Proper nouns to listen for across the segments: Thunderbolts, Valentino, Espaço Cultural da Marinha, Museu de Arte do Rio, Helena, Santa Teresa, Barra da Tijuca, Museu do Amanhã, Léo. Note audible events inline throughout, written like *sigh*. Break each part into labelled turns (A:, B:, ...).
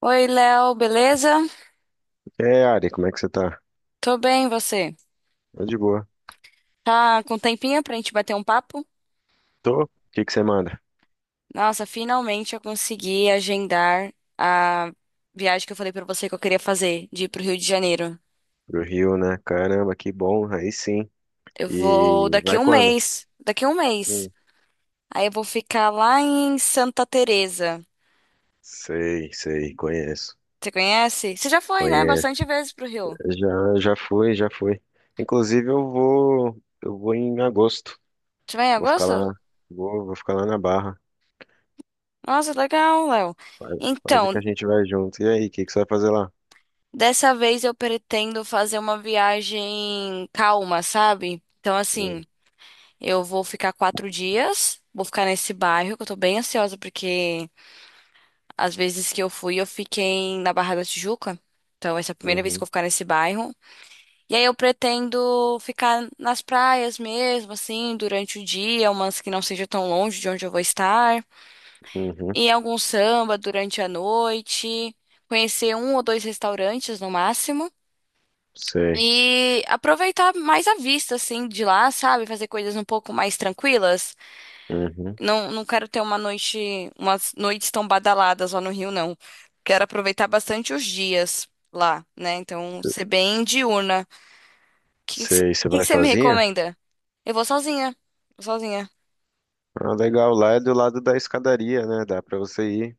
A: Oi, Léo, beleza?
B: É, Ari, como é que você tá?
A: Tô bem, e você?
B: Tô de boa.
A: Tá com tempinho pra gente bater um papo?
B: Tô? O que que você manda?
A: Nossa, finalmente eu consegui agendar a viagem que eu falei pra você que eu queria fazer, de ir pro Rio de Janeiro.
B: Pro Rio, né? Caramba, que bom, aí sim.
A: Eu vou
B: E
A: daqui
B: vai
A: um
B: quando?
A: mês, daqui um mês.
B: Hum.
A: Aí eu vou ficar lá em Santa Teresa.
B: Sei, sei, conheço.
A: Você conhece? Você já foi, né? Bastante
B: Conheço.
A: vezes pro Rio.
B: Já fui. Inclusive eu vou em agosto.
A: Você vai em
B: Vou ficar
A: agosto?
B: lá, vou ficar lá na Barra.
A: Nossa, legal, Léo.
B: Quase quase que
A: Então,
B: a gente vai junto. E aí, o que que você vai fazer lá?
A: dessa vez eu pretendo fazer uma viagem calma, sabe? Então,
B: Hum.
A: assim, eu vou ficar 4 dias, vou ficar nesse bairro, que eu tô bem ansiosa, porque às vezes que eu fui, eu fiquei na Barra da Tijuca. Então, essa é a primeira vez que
B: Uhum.
A: eu vou ficar nesse bairro. E aí eu pretendo ficar nas praias mesmo, assim, durante o dia, umas que não seja tão longe de onde eu vou estar.
B: Uhum,
A: E algum samba durante a noite, conhecer um ou dois restaurantes no máximo.
B: sei.
A: E aproveitar mais a vista, assim, de lá, sabe? Fazer coisas um pouco mais tranquilas.
B: Uhum.
A: Não, não quero ter uma noite, umas noites tão badaladas lá no Rio, não. Quero aproveitar bastante os dias lá, né? Então, ser bem diurna. O que
B: Sei, você vai
A: que você me
B: sozinha?
A: recomenda? Eu vou sozinha. Vou sozinha.
B: Ah, legal, lá é do lado da escadaria, né? Dá pra você ir.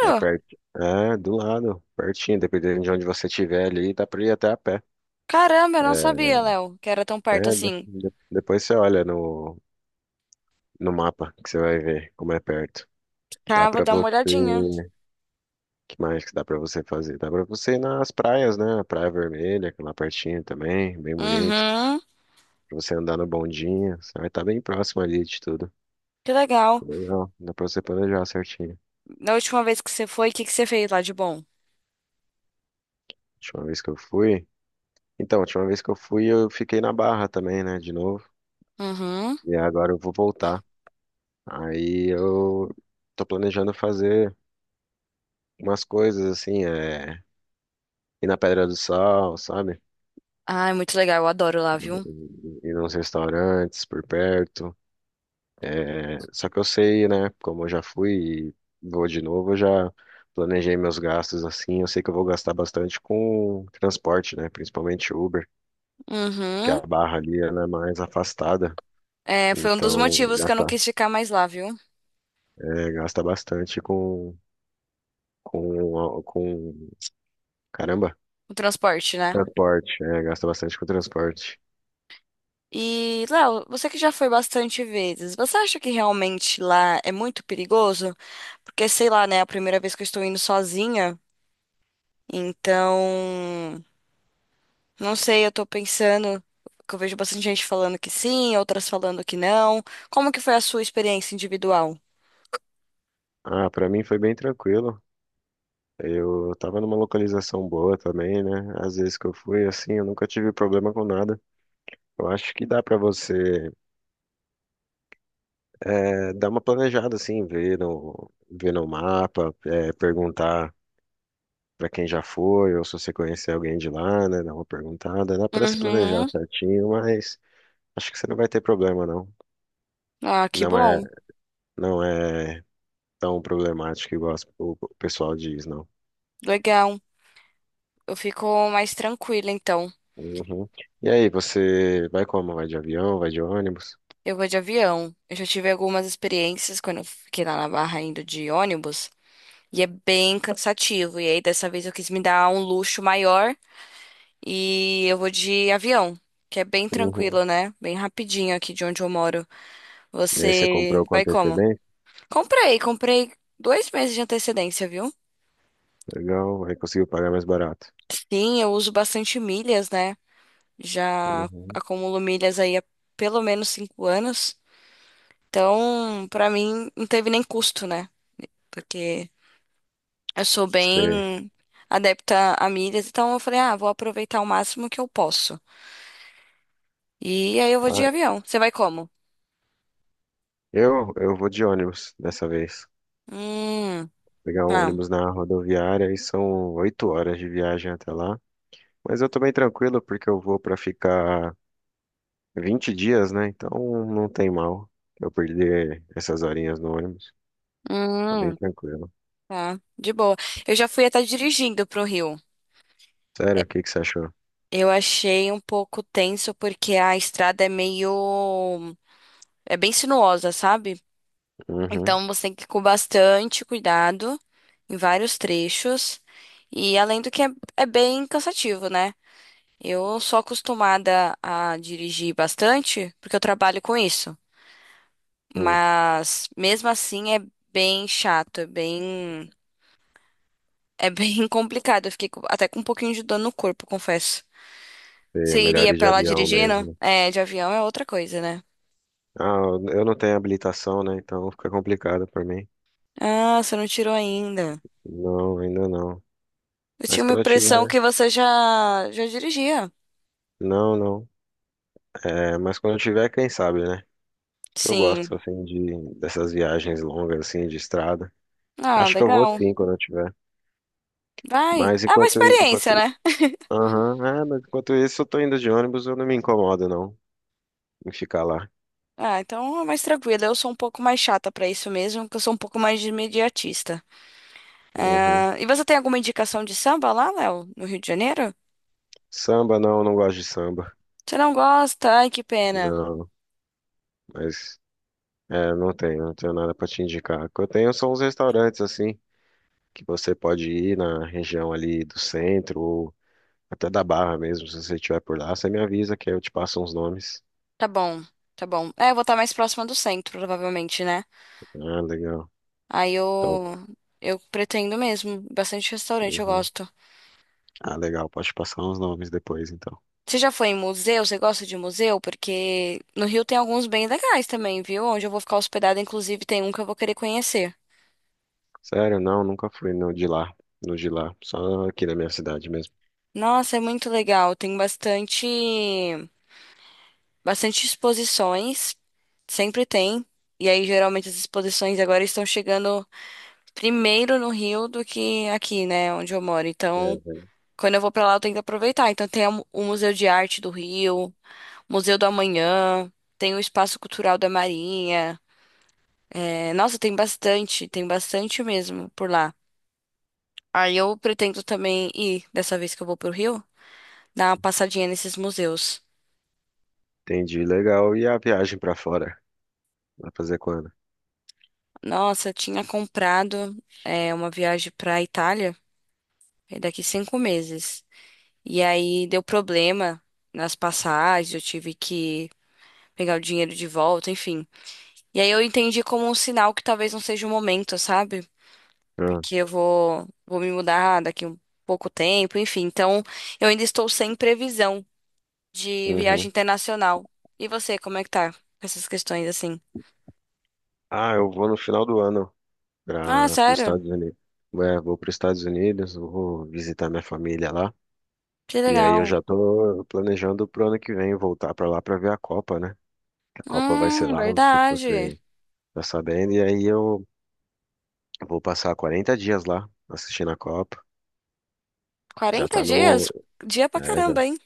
B: É perto. É, do lado, pertinho, dependendo de onde você estiver ali, dá pra ir até a pé.
A: Caramba, eu
B: É,
A: não sabia, Léo, que era tão perto
B: é,
A: assim.
B: depois você olha no mapa que você vai ver como é perto. Dá
A: Tá, vou
B: pra
A: dar uma olhadinha.
B: você. Que mais que dá pra você fazer? Dá pra você ir nas praias, né? Praia Vermelha, que é lá pertinho também, bem bonito.
A: Uhum,
B: Pra você andar no bondinho, você vai estar bem próximo ali de tudo.
A: que legal.
B: Legal, dá pra você planejar certinho.
A: Da última vez que você foi, o que que você fez lá de bom?
B: Última vez que eu fui. Então, a última vez que eu fui, eu fiquei na Barra também, né? De novo.
A: Uhum.
B: E agora eu vou voltar. Aí eu tô planejando fazer umas coisas assim, é, ir na Pedra do Sal, sabe?
A: Ai, muito legal, eu adoro lá, viu?
B: Ir nos restaurantes por perto. É, só que eu sei, né? Como eu já fui e vou de novo, eu já planejei meus gastos assim. Eu sei que eu vou gastar bastante com transporte, né? Principalmente Uber, porque a
A: Uhum.
B: barra ali ela é mais afastada.
A: É, foi um dos
B: Então,
A: motivos que eu não
B: gasta,
A: quis ficar mais lá, viu?
B: é, gasta bastante com caramba.
A: O transporte, né?
B: Transporte, é, gasta bastante com transporte.
A: E, Léo, você que já foi bastante vezes, você acha que realmente lá é muito perigoso? Porque, sei lá, né? É a primeira vez que eu estou indo sozinha, então. Não sei, eu tô pensando. Que eu vejo bastante gente falando que sim, outras falando que não. Como que foi a sua experiência individual?
B: Ah, pra mim foi bem tranquilo. Eu tava numa localização boa também, né? Às vezes que eu fui, assim, eu nunca tive problema com nada. Eu acho que dá pra você é, dar uma planejada, assim, ver ver no mapa, é, perguntar pra quem já foi, ou se você conhecer alguém de lá, né? Dar uma perguntada. Dá pra se planejar
A: Uhum.
B: certinho, mas acho que você não vai ter problema, não.
A: Ah, que
B: Não é,
A: bom.
B: não é tão problemático igual o pessoal diz, não.
A: Legal. Eu fico mais tranquila, então.
B: Uhum. E aí, você vai como? Vai de avião? Vai de ônibus?
A: Eu vou de avião. Eu já tive algumas experiências quando eu fiquei lá na Barra indo de ônibus. E é bem cansativo. E aí, dessa vez, eu quis me dar um luxo maior e eu vou de avião, que é bem
B: Uhum.
A: tranquilo, né? Bem rapidinho aqui de onde eu moro.
B: E aí, você
A: Você
B: comprou com
A: vai como?
B: antecedência?
A: Comprei, comprei 2 meses de antecedência, viu?
B: Legal, aí conseguiu pagar mais barato.
A: Sim, eu uso bastante milhas, né? Já
B: Uhum.
A: acumulo milhas aí há pelo menos 5 anos. Então, pra mim, não teve nem custo, né? Porque eu sou
B: Sei.
A: bem adepta a milhas, então eu falei, ah, vou aproveitar o máximo que eu posso. E aí eu vou de
B: Ah,
A: avião. Você vai como?
B: eu vou de ônibus dessa vez.
A: Hum,
B: Pegar um
A: tá.
B: ônibus na rodoviária e são 8 horas de viagem até lá. Mas eu tô bem tranquilo porque eu vou pra ficar 20 dias, né? Então não tem mal eu perder essas horinhas no ônibus. Tá bem
A: Hum,
B: tranquilo.
A: tá. De boa. Eu já fui até dirigindo pro Rio.
B: Sério, o que que você achou?
A: Eu achei um pouco tenso porque a estrada é meio. É bem sinuosa, sabe?
B: Uhum.
A: Então você tem que ir com bastante cuidado em vários trechos. E além do que é, é bem cansativo, né? Eu sou acostumada a dirigir bastante porque eu trabalho com isso.
B: Hum.
A: Mas mesmo assim é bem chato, é bem *laughs* complicado. Eu fiquei com- até com um pouquinho de dor no corpo, confesso.
B: É
A: Você
B: melhor
A: iria
B: ir de
A: pra lá
B: avião
A: dirigindo?
B: mesmo.
A: É, de avião é outra coisa, né?
B: Ah, eu não tenho habilitação, né? Então fica complicado pra mim.
A: Ah, você não tirou ainda.
B: Não, ainda não.
A: Eu
B: Mas
A: tinha uma
B: quando eu
A: impressão
B: tiver,
A: que você já dirigia.
B: não, não. É, mas quando eu tiver, quem sabe, né? Que eu
A: Sim.
B: gosto assim de dessas viagens longas assim de estrada.
A: Ah,
B: Acho que eu vou
A: legal.
B: sim quando eu tiver.
A: Vai.
B: Mas
A: É uma experiência, né?
B: aham, é, mas enquanto isso eu tô indo de ônibus, eu não me incomodo não em ficar lá.
A: Ah, então é mais tranquilo. Eu sou um pouco mais chata pra isso mesmo, porque eu sou um pouco mais de imediatista.
B: Uhum.
A: Ah, e você tem alguma indicação de samba lá, Léo, no Rio de Janeiro?
B: Samba não, não gosto de samba.
A: Você não gosta? Ai, que pena.
B: Não, mas é, não tenho nada pra te indicar. O que eu tenho são uns restaurantes assim que você pode ir na região ali do centro ou até da Barra mesmo, se você estiver por lá, você me avisa que aí eu te passo uns nomes.
A: Tá bom, tá bom. É, eu vou estar mais próxima do centro, provavelmente, né?
B: Ah, legal.
A: Aí eu
B: Então,
A: eu pretendo mesmo. Bastante restaurante eu
B: uhum.
A: gosto.
B: Ah, legal, pode passar uns nomes depois, então.
A: Você já foi em museu? Você gosta de museu? Porque no Rio tem alguns bem legais também, viu? Onde eu vou ficar hospedada, inclusive, tem um que eu vou querer conhecer.
B: Sério, não, nunca fui no de lá, só aqui na minha cidade mesmo.
A: Nossa, é muito legal. Tem bastante bastante exposições. Sempre tem. E aí, geralmente, as exposições agora estão chegando primeiro no Rio do que aqui, né, onde eu moro. Então,
B: É.
A: quando eu vou pra lá, eu tenho que aproveitar. Então, tem o Museu de Arte do Rio, Museu do Amanhã, tem o Espaço Cultural da Marinha. É, nossa, tem bastante mesmo por lá. Aí eu pretendo também ir, dessa vez que eu vou pro Rio, dar uma passadinha nesses museus.
B: Entendi, legal. E a viagem pra fora? Vai fazer quando?
A: Nossa, eu tinha comprado é, uma viagem pra Itália é daqui 5 meses. E aí deu problema nas passagens, eu tive que pegar o dinheiro de volta, enfim. E aí eu entendi como um sinal que talvez não seja o momento, sabe?
B: Ah,
A: Porque eu vou me mudar daqui um pouco tempo, enfim. Então, eu ainda estou sem previsão de viagem
B: uhum.
A: internacional. E você, como é que tá com essas questões assim?
B: Ah, eu vou no final do ano
A: Ah,
B: para os
A: sério?
B: Estados Unidos. É, vou para os Estados Unidos, vou visitar minha família lá.
A: Que
B: E aí eu
A: legal.
B: já tô planejando pro ano que vem voltar pra lá pra ver a Copa, né? A Copa vai ser lá, não sei se
A: Verdade.
B: você tá sabendo. E aí eu vou passar 40 dias lá assistindo a Copa. Já
A: Quarenta
B: tá no,
A: dias? Dia pra
B: é, já,
A: caramba, hein?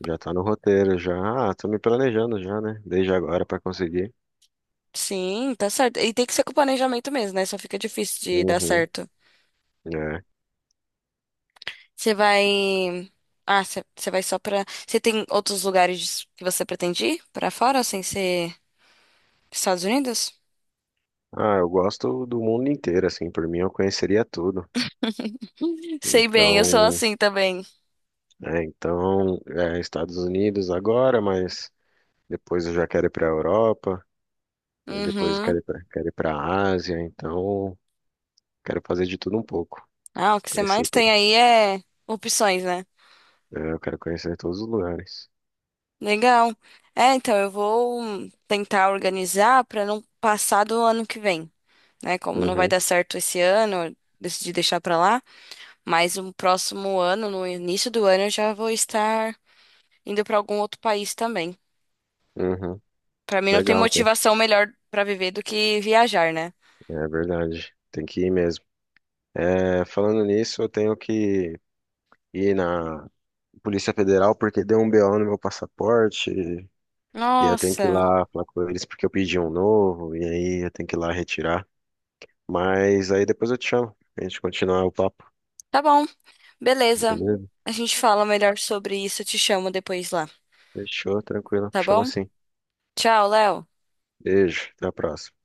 B: já tá no roteiro, já. Ah, tô me planejando já, né? Desde agora pra conseguir.
A: Sim, tá certo. E tem que ser com planejamento mesmo, né? Só fica difícil de dar
B: Uhum,
A: certo.
B: é.
A: Você vai. Ah, você vai só pra. Você tem outros lugares que você pretende ir pra fora, sem ser Estados Unidos?
B: Ah, eu gosto do mundo inteiro, assim, por mim eu conheceria tudo.
A: *laughs* Sei bem, eu sou
B: Então,
A: assim também.
B: então, é, Estados Unidos agora, mas depois eu já quero ir para a Europa. E depois eu
A: Uhum.
B: quero ir quero ir pra Ásia, então quero fazer de tudo um pouco.
A: Ah, o que você
B: Conhecer,
A: mais
B: to-
A: tem aí é opções, né?
B: é, eu quero conhecer todos os lugares.
A: Legal. É, então eu vou tentar organizar pra não passar do ano que vem, né? Como não vai
B: Uhum,
A: dar certo esse ano, eu decidi deixar pra lá, mas no próximo ano, no início do ano, eu já vou estar indo pra algum outro país também.
B: uhum.
A: Pra mim não tem
B: Legal, né?
A: motivação melhor pra viver do que viajar, né?
B: É verdade. Tem que ir mesmo. É, falando nisso, eu tenho que ir na Polícia Federal porque deu um BO no meu passaporte. E eu tenho que ir
A: Nossa,
B: lá falar com eles porque eu pedi um novo. E aí eu tenho que ir lá retirar. Mas aí depois eu te chamo. A gente continuar o papo,
A: tá bom. Beleza.
B: beleza?
A: A gente fala melhor sobre isso. Eu te chamo depois lá,
B: Fechou, tranquilo.
A: tá
B: Chama
A: bom?
B: assim.
A: Tchau, Léo.
B: Beijo, até a próxima.